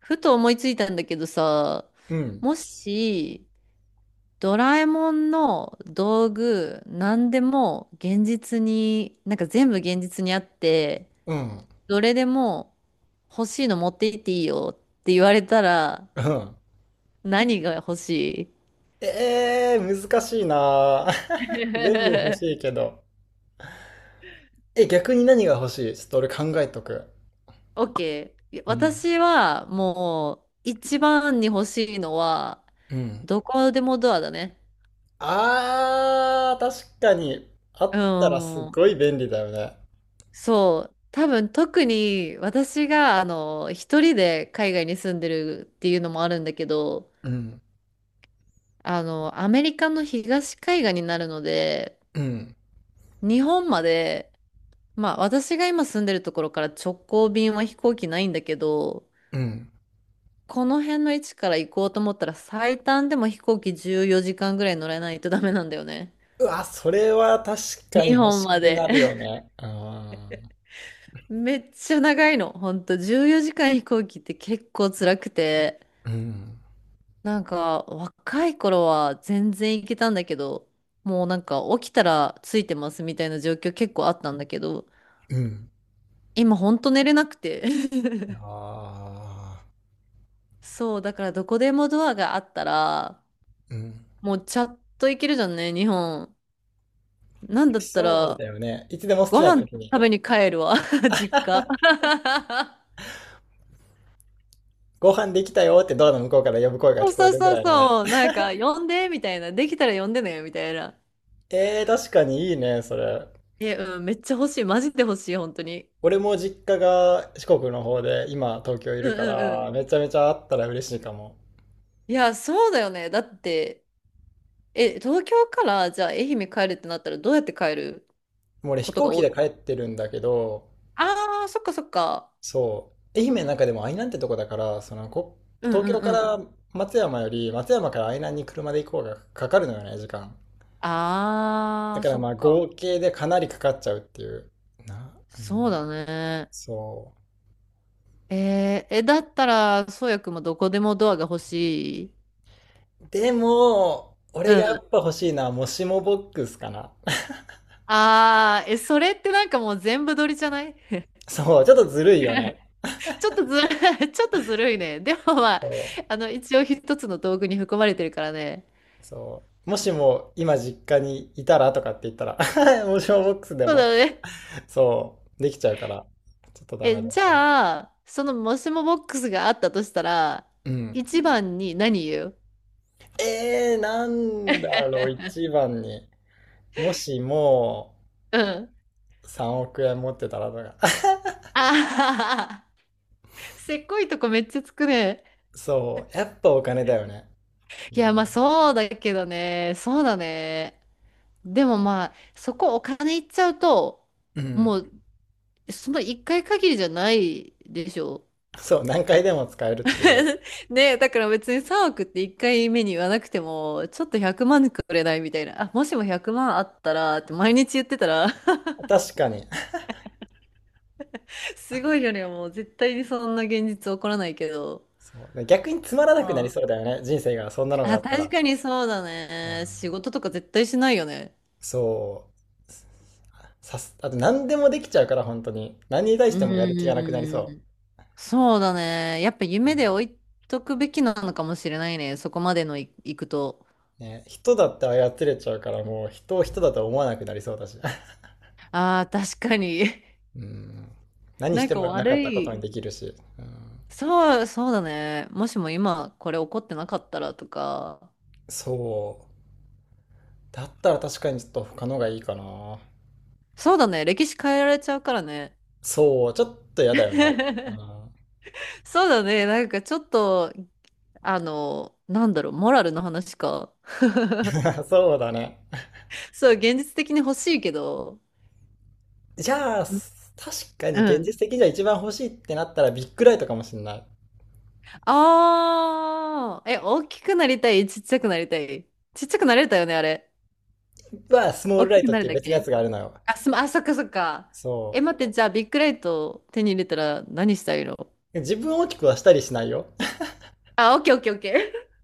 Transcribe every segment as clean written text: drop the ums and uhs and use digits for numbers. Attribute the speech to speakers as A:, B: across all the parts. A: ふと思いついたんだけどさ、
B: うん。
A: もし、ドラえもんの道具、何でも現実に、全部現実にあって、
B: うん。
A: どれでも欲しいの持っていっていいよって言われたら、
B: うん。
A: 何が欲し
B: 難しいなぁ。
A: い？
B: 全部欲
A: OK。
B: し いけど。え、逆に何が欲しいちょっと俺考えとく。
A: オッケー、
B: うん。
A: 私はもう、一番に欲しいのは、
B: うん。
A: どこでもドアだね。
B: あー、確かに。あ
A: う
B: ったらす
A: ん。
B: ごい便利だよね。
A: そう、多分特に私が一人で海外に住んでるっていうのもあるんだけど、
B: うん。
A: アメリカの東海岸になるので、
B: うん。
A: 日本まで、まあ私が今住んでるところから直行便は飛行機ないんだけど、
B: うん。
A: この辺の位置から行こうと思ったら最短でも飛行機14時間ぐらい乗れないとダメなんだよね。
B: うわ、それは確か
A: 日
B: に欲
A: 本
B: し
A: ま
B: く
A: で。
B: なるよ ね。あ
A: めっちゃ長いの。ほんと14時間飛行機って結構辛くて。
B: ー。うん。
A: 若い頃は全然行けたんだけど、もう起きたらついてますみたいな状況結構あったんだけど、
B: うん。
A: 今ほんと寝れなくて。
B: あ
A: そう、だからどこでもドアがあったら、
B: ー。うん。
A: もうちゃっと行けるじゃんね、日本。なんだった
B: そう
A: ら、
B: だよね。いつでも好き
A: ご
B: な
A: 飯
B: 時に。
A: 食べに帰るわ、実家。
B: ご飯できたよってドアの向こうから呼ぶ声が
A: そう
B: 聞こ
A: そ
B: え
A: う
B: るぐ
A: そう
B: らいのね。
A: そう、呼んで、みたいな。できたら呼んでね、みたいな。
B: えー、確かにいいね、それ。
A: え、うん、めっちゃ欲しい。マジで欲しい、本当に。
B: 俺も実家が四国の方で、今東京い
A: うん
B: るか
A: うんう
B: ら、
A: ん。
B: めちゃめちゃあったら嬉しいかも。
A: いや、そうだよね。だって、え、東京からじゃあ愛媛帰るってなったらどうやって帰る
B: もう俺飛
A: ことが
B: 行機
A: 多
B: で
A: い？
B: 帰ってるんだけど、
A: ああー、そっかそっか。
B: そう。愛媛の中でも愛南ってとこだから、そのこ、
A: うん
B: 東
A: うん
B: 京か
A: うん。
B: ら松山より、松山から愛南に車で行こうがかかるのよね、時間。
A: あ
B: だ
A: あ、
B: から
A: そっ
B: まあ
A: か。
B: 合計でかなりかかっちゃうっていう。う
A: そう
B: ん、
A: だね。
B: そう。
A: えーえ、だったら、そうやくんもどこでもドアが欲しい。
B: でも、俺
A: う
B: がや
A: ん。
B: っぱ欲しいのは、もしもボックスかな。
A: ああ、え、それってなんかもう全部撮りじゃない？
B: そう、ちょっとずる いよね。
A: ちょっとずる、ちょっとずるいね。でもまあ、
B: そ
A: 一応一つの道具に含まれてるからね。
B: う、そう。もしも今実家にいたらとかって言ったら もしもボックスで
A: そう
B: も、
A: だね。
B: そう、できちゃうから、ちょっとダメ
A: え、
B: だ。
A: じゃあ、そのもしもボックスがあったとしたら、
B: うん。
A: 一番に何言う？
B: なんだろう、一番に。もしも
A: うん。
B: 3億円持ってたらとか。
A: あははは。せっこいとこめっちゃつくね。
B: そう、やっぱお金だよね。う
A: いや、
B: ん。
A: まあそうだけどね。そうだね。でもまあ、そこお金いっちゃうと、
B: う
A: も
B: ん、
A: う、その一回限りじゃないでしょ。
B: そう、何回でも使えるっていう。
A: ねえ、だから別に3億って1回目に言わなくても、ちょっと100万くまんくれないみたいな。あ、もしも100万あったらって毎日言ってたら
B: 確かに。
A: すごいよね。もう絶対にそんな現実起こらないけど。
B: そう。逆につまら
A: う
B: なくなりそ
A: ん。
B: うだよね。人生が、そんなのが
A: あ、
B: あった
A: 確
B: ら。
A: かにそうだ
B: う
A: ね。仕
B: ん、
A: 事とか絶対しないよね。
B: そう。あと何でもできちゃうから、本当に。何に対
A: う
B: してもやる気がなくなり
A: ー
B: そ
A: ん。そうだね。やっぱ夢で置いとくべきなのかもしれないね。そこまでのい、いくと。
B: う。ね、人だって操れちゃうから、もう人を人だとは思わなくなりそうだし。
A: ああ、確かに。
B: うん。何
A: な
B: し
A: ん
B: て
A: か
B: もなか
A: 悪
B: ったことに
A: い。
B: できるし。うん。
A: そう、そうだね。もしも今これ起こってなかったらとか。
B: そう。だったら確かにちょっと他のがいいかな。
A: そうだね。歴史変えられちゃうからね。
B: そう、ちょっと嫌だよな。う
A: そうだね。なんかちょっとモラルの話か。
B: ん、そうだね。
A: そう、現実的に欲しいけど。
B: じゃあ、
A: うん。
B: 確かに現実的にじゃ一番欲しいってなったらビッグライトかもしれない。
A: ああ、え、大きくなりたい、ちっちゃくなりたい。ちっちゃくなれたよね、あれ。
B: スモー
A: 大
B: ルラ
A: き
B: イ
A: く
B: トっ
A: なる
B: ていう
A: だ
B: 別のや
A: け？
B: つがあるのよ。
A: あ、そっかそっか。え、
B: そ
A: 待って、じゃあ、ビッグライト手に入れたら何したいの？
B: う。自分を大きくはしたりしないよ。
A: あ、オッケーオッケーオッケー。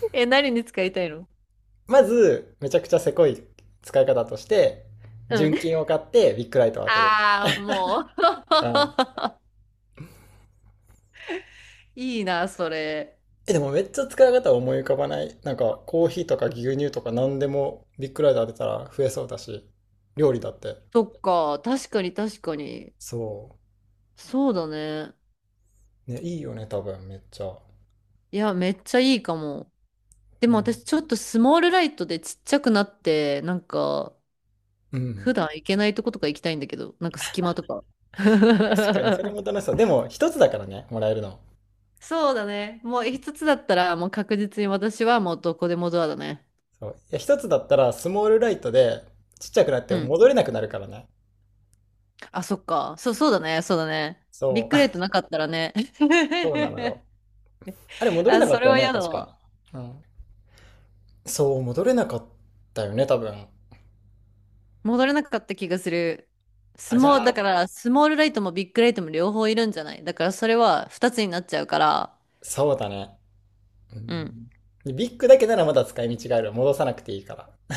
A: え、何に使いたいの？
B: まず、めちゃくちゃせこい使い方として、
A: うん。
B: 純金を買ってビッグライトを当てる。
A: ああ、もう。
B: うん。
A: いいな、それ。
B: え、でもめっちゃ使い方は思い浮かばない。なんか、コーヒーとか牛乳とか何でもビッグライト当てたら増えそうだし、料理だって。
A: そっか、確かに確かに。
B: そ
A: そうだね。
B: う。ね、いいよね、多分、めっちゃ。
A: いや、めっちゃいいかも。でも
B: ね。
A: 私ちょっとスモールライトでちっちゃくなって、
B: う
A: 普
B: ん。
A: 段行けないとことか行きたいんだけど、なんか隙間とか。
B: 確かに、それも 楽しそう。でも、一つだからね、もらえるの。
A: そうだね。もう一つだったら、もう確実に私はもうどこでもドアだね。
B: そう。いや、一つだったら、スモールライトで、ちっちゃくなっ
A: う
B: て
A: ん。
B: 戻れなくなるからね。
A: あ、そっか。そう、そうだね。そうだね。ビッ
B: そ
A: グ
B: う。
A: ライト なかったらね。
B: そうなのよ。あれ、戻れ
A: あ、
B: なか
A: そ
B: っ
A: れ
B: たよ
A: は
B: ね、
A: 嫌だ
B: 確か。
A: わ。
B: うん。そう、戻れなかったよね、多分。
A: 戻れなかった気がする。ス
B: あ、じ
A: モー、
B: ゃ
A: だ
B: あ、
A: から、スモールライトもビッグライトも両方いるんじゃない？だから、それは二つになっちゃうから。
B: そうだね。う
A: う
B: ん。
A: ん。
B: でビッグだけならまだ使い道がある。戻さなくていいから。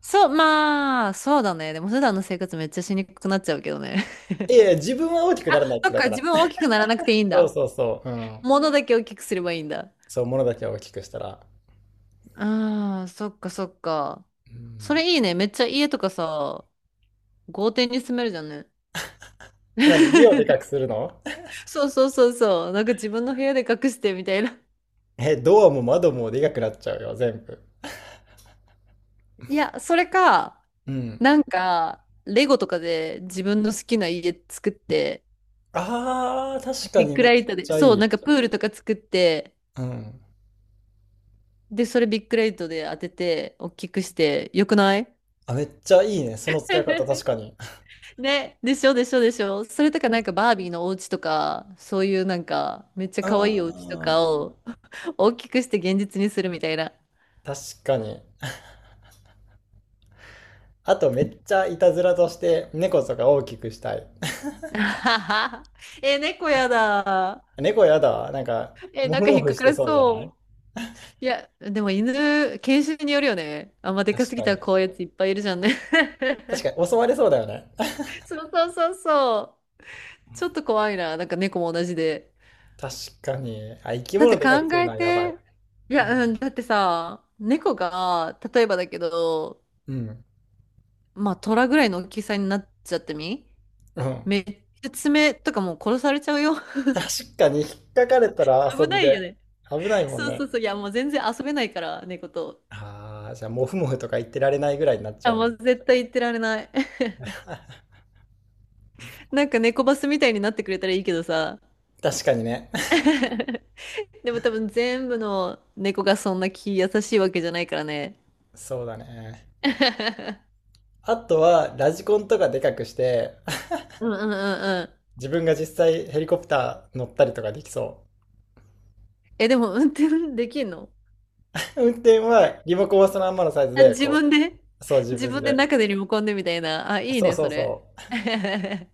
A: そう、まあ、そうだね。でも普段の生活めっちゃしにくくなっちゃうけどね。
B: いやいや、自分は大きくならな いっ
A: そ
B: て
A: っ
B: だ
A: か、
B: か
A: 自
B: ら。
A: 分大きくならなくて いいん
B: そう
A: だ。
B: そうそう。うん。
A: 物だけ大きくすればいいんだ。
B: そう、物だけは大きくしたら。
A: ああ、そっかそっか。
B: う
A: そ
B: ん。
A: れいいね。めっちゃ家とかさ、豪邸に住めるじゃんね。
B: え、何、家をでかくす るの？
A: そうそうそうそう。なんか自分の部屋で隠してみたいな。
B: え、ドアも窓もでかくなっちゃうよ、全部。
A: いや、それか、
B: うん。
A: なんか、レゴとかで自分の好きな家作って、
B: ああ、確か
A: ビッ
B: に
A: ク
B: めっ
A: ライト
B: ち
A: で、
B: ゃ
A: そう、
B: い
A: な
B: い。
A: んかプールとか作って、
B: うん。
A: で、それビッグレイトで当てて、大きくして、よくない？
B: あ、めっちゃいいね。その使い方確 かに。
A: ね、でしょでしょでしょ。それとかなんかバービーのお家とか、そういうなんかめっちゃ
B: あ
A: 可愛いお家とか
B: あ、
A: を大きくして現実にするみたいな。
B: 確かに。あとめっちゃいたずらとして猫とか大きくしたい。
A: あはは。え、猫やだ。
B: 猫やだわ。なんか、
A: え、
B: も
A: なん
B: ふ
A: か
B: も
A: 引っ
B: ふ
A: か
B: し
A: か
B: て
A: ら
B: そうじゃな
A: そ
B: い？
A: う。いや、でも犬、犬種によるよね。あんまでか
B: 確
A: すぎ
B: か
A: たら
B: に。
A: 怖いやついっぱいいるじゃんね。
B: 確か に、襲われそうだよね。
A: そうそうそうそう。ちょっと怖いな。なんか猫も同じで。
B: 確かに。あ、生き
A: だって
B: 物
A: 考
B: でかくする
A: え
B: のはやばい。
A: て、い
B: う
A: や、
B: ん。
A: うん、だってさ、猫が、例えばだけど、
B: うん。
A: まあ、虎ぐらいの大きさになっちゃってみ、めっちゃ爪とかもう殺されちゃうよ。
B: 確かに、引っかかれたら
A: 危
B: 遊び
A: ないよ
B: で。
A: ね。
B: 危ないもん
A: そうそう
B: ね。
A: そう。いや、もう全然遊べないから、猫と。
B: ああ、じゃあ、もふもふとか言ってられないぐらいになっち
A: あ、
B: ゃう
A: も
B: んだ。
A: う絶対言ってられない。なんか猫バスみたいになってくれたらいいけどさ。
B: 確かにね。
A: でも多分全部の猫がそんな気優しいわけじゃないからね。
B: そうだね。あとは、ラジコンとかでかくして、
A: うんうんうんうん。
B: 自分が実際ヘリコプター乗ったりとかできそ
A: え、でも運転できんの？
B: う。運転はリモコンはそのまんまのサイズ
A: あ、
B: で、
A: 自
B: こ
A: 分で、
B: う、そう 自
A: 自
B: 分
A: 分で
B: で。
A: 中でリモコンでみたいな。あ、いい
B: そう
A: ね、
B: そ
A: そ
B: う
A: れ。
B: そ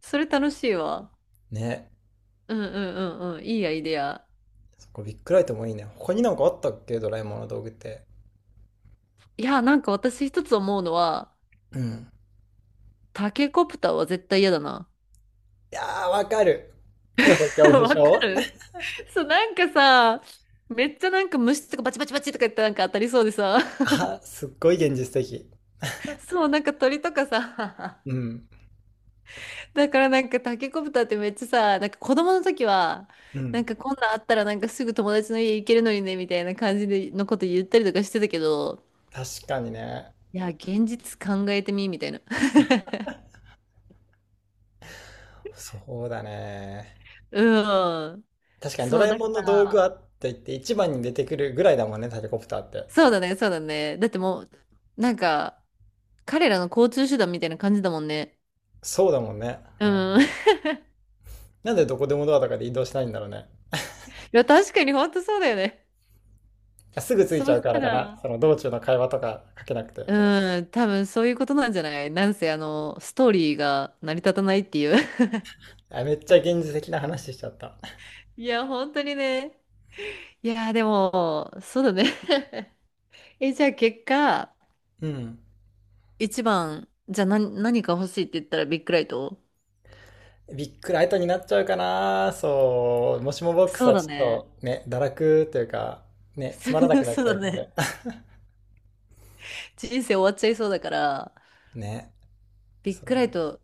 A: それ楽しいわ。
B: う。ね。
A: うんうんうんうん。いいアイデア。
B: そこビッグライトもいいね。他になんかあったっけ、ドラえもんの道具って。
A: いや、なんか私一つ思うのは、
B: うん。
A: タケコプターは絶対嫌だな。
B: いやー、わかる。高所 恐怖
A: わか
B: 症？
A: る。そう、なんかさ、めっちゃなんか虫とかバチバチバチとか言ってなんか当たりそうでさ、
B: あ、すっごい現実的。
A: そう、なんか鳥とかさ、
B: うん。
A: だからなんかタケコプターってめっちゃさ、なんか子供の時は、
B: う
A: なん
B: ん。
A: かこんなんあったらなんかすぐ友達の家行けるのにねみたいな感じでのこと言ったりとかしてたけど、
B: 確かにね。
A: いや、現実考えてみみたいな。
B: そうだね。
A: うん。
B: 確かにド
A: そう、
B: ラえ
A: だ
B: も
A: か
B: んの道
A: ら、
B: 具あって言って一番に出てくるぐらいだもんね、タケコプターって。
A: そうだね、そうだね。だってもう、なんか、彼らの交通手段みたいな感じだもんね。
B: そうだもんね。うん。
A: うん。い
B: なんでどこでもドアとかで移動しないんだろうね。
A: や、確かに本当そうだよね。
B: あ、すぐ着い
A: そ
B: ち
A: う
B: ゃう
A: し
B: か
A: た
B: らかな。
A: ら、
B: その道中の会話とかかけなくて。
A: うん、多分そういうことなんじゃない、なんせ、あの、ストーリーが成り立たないっていう。
B: あ、めっちゃ現実的な話しちゃった。
A: いや、本当にね。いや、でも、そうだね。え、じゃあ結果、
B: うん。
A: 一番、じゃあ何、何か欲しいって言ったらビッグライト？
B: ビックライトになっちゃうかな。そう。もしもボック
A: そ
B: ス
A: う
B: は
A: だ
B: ちょっ
A: ね。
B: とね、堕落というか、ね、つまらな くなっ
A: そう
B: ち
A: だ
B: ゃうの
A: ね。
B: で。
A: 人生終わっちゃいそうだから、
B: ね。
A: ビッグラ
B: そ
A: イ
B: う。
A: ト、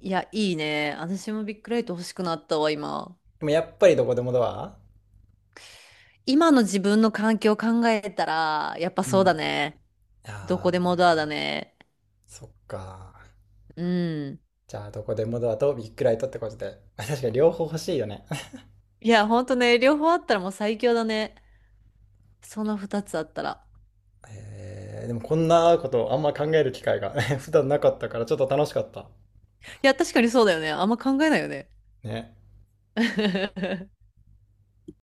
A: いや、いいね。私もビッグライト欲しくなったわ、今。
B: でもやっぱりどこでもドア、
A: 今の自分の環境を考えたら、やっぱ
B: う
A: そうだ
B: ん。
A: ね。どこ
B: あ
A: で
B: あ、
A: もドアだね。
B: そっか。
A: うん。
B: じゃあ、どこでもドアとビッグライトってことで。確かに両方欲しいよね。
A: いや、ほんとね、両方あったらもう最強だね。その二つあったら。
B: でもこんなことあんま考える機会が 普段なかったからちょっと楽しかった。
A: いや、確かにそうだよね。あんま考えないよね。
B: ね。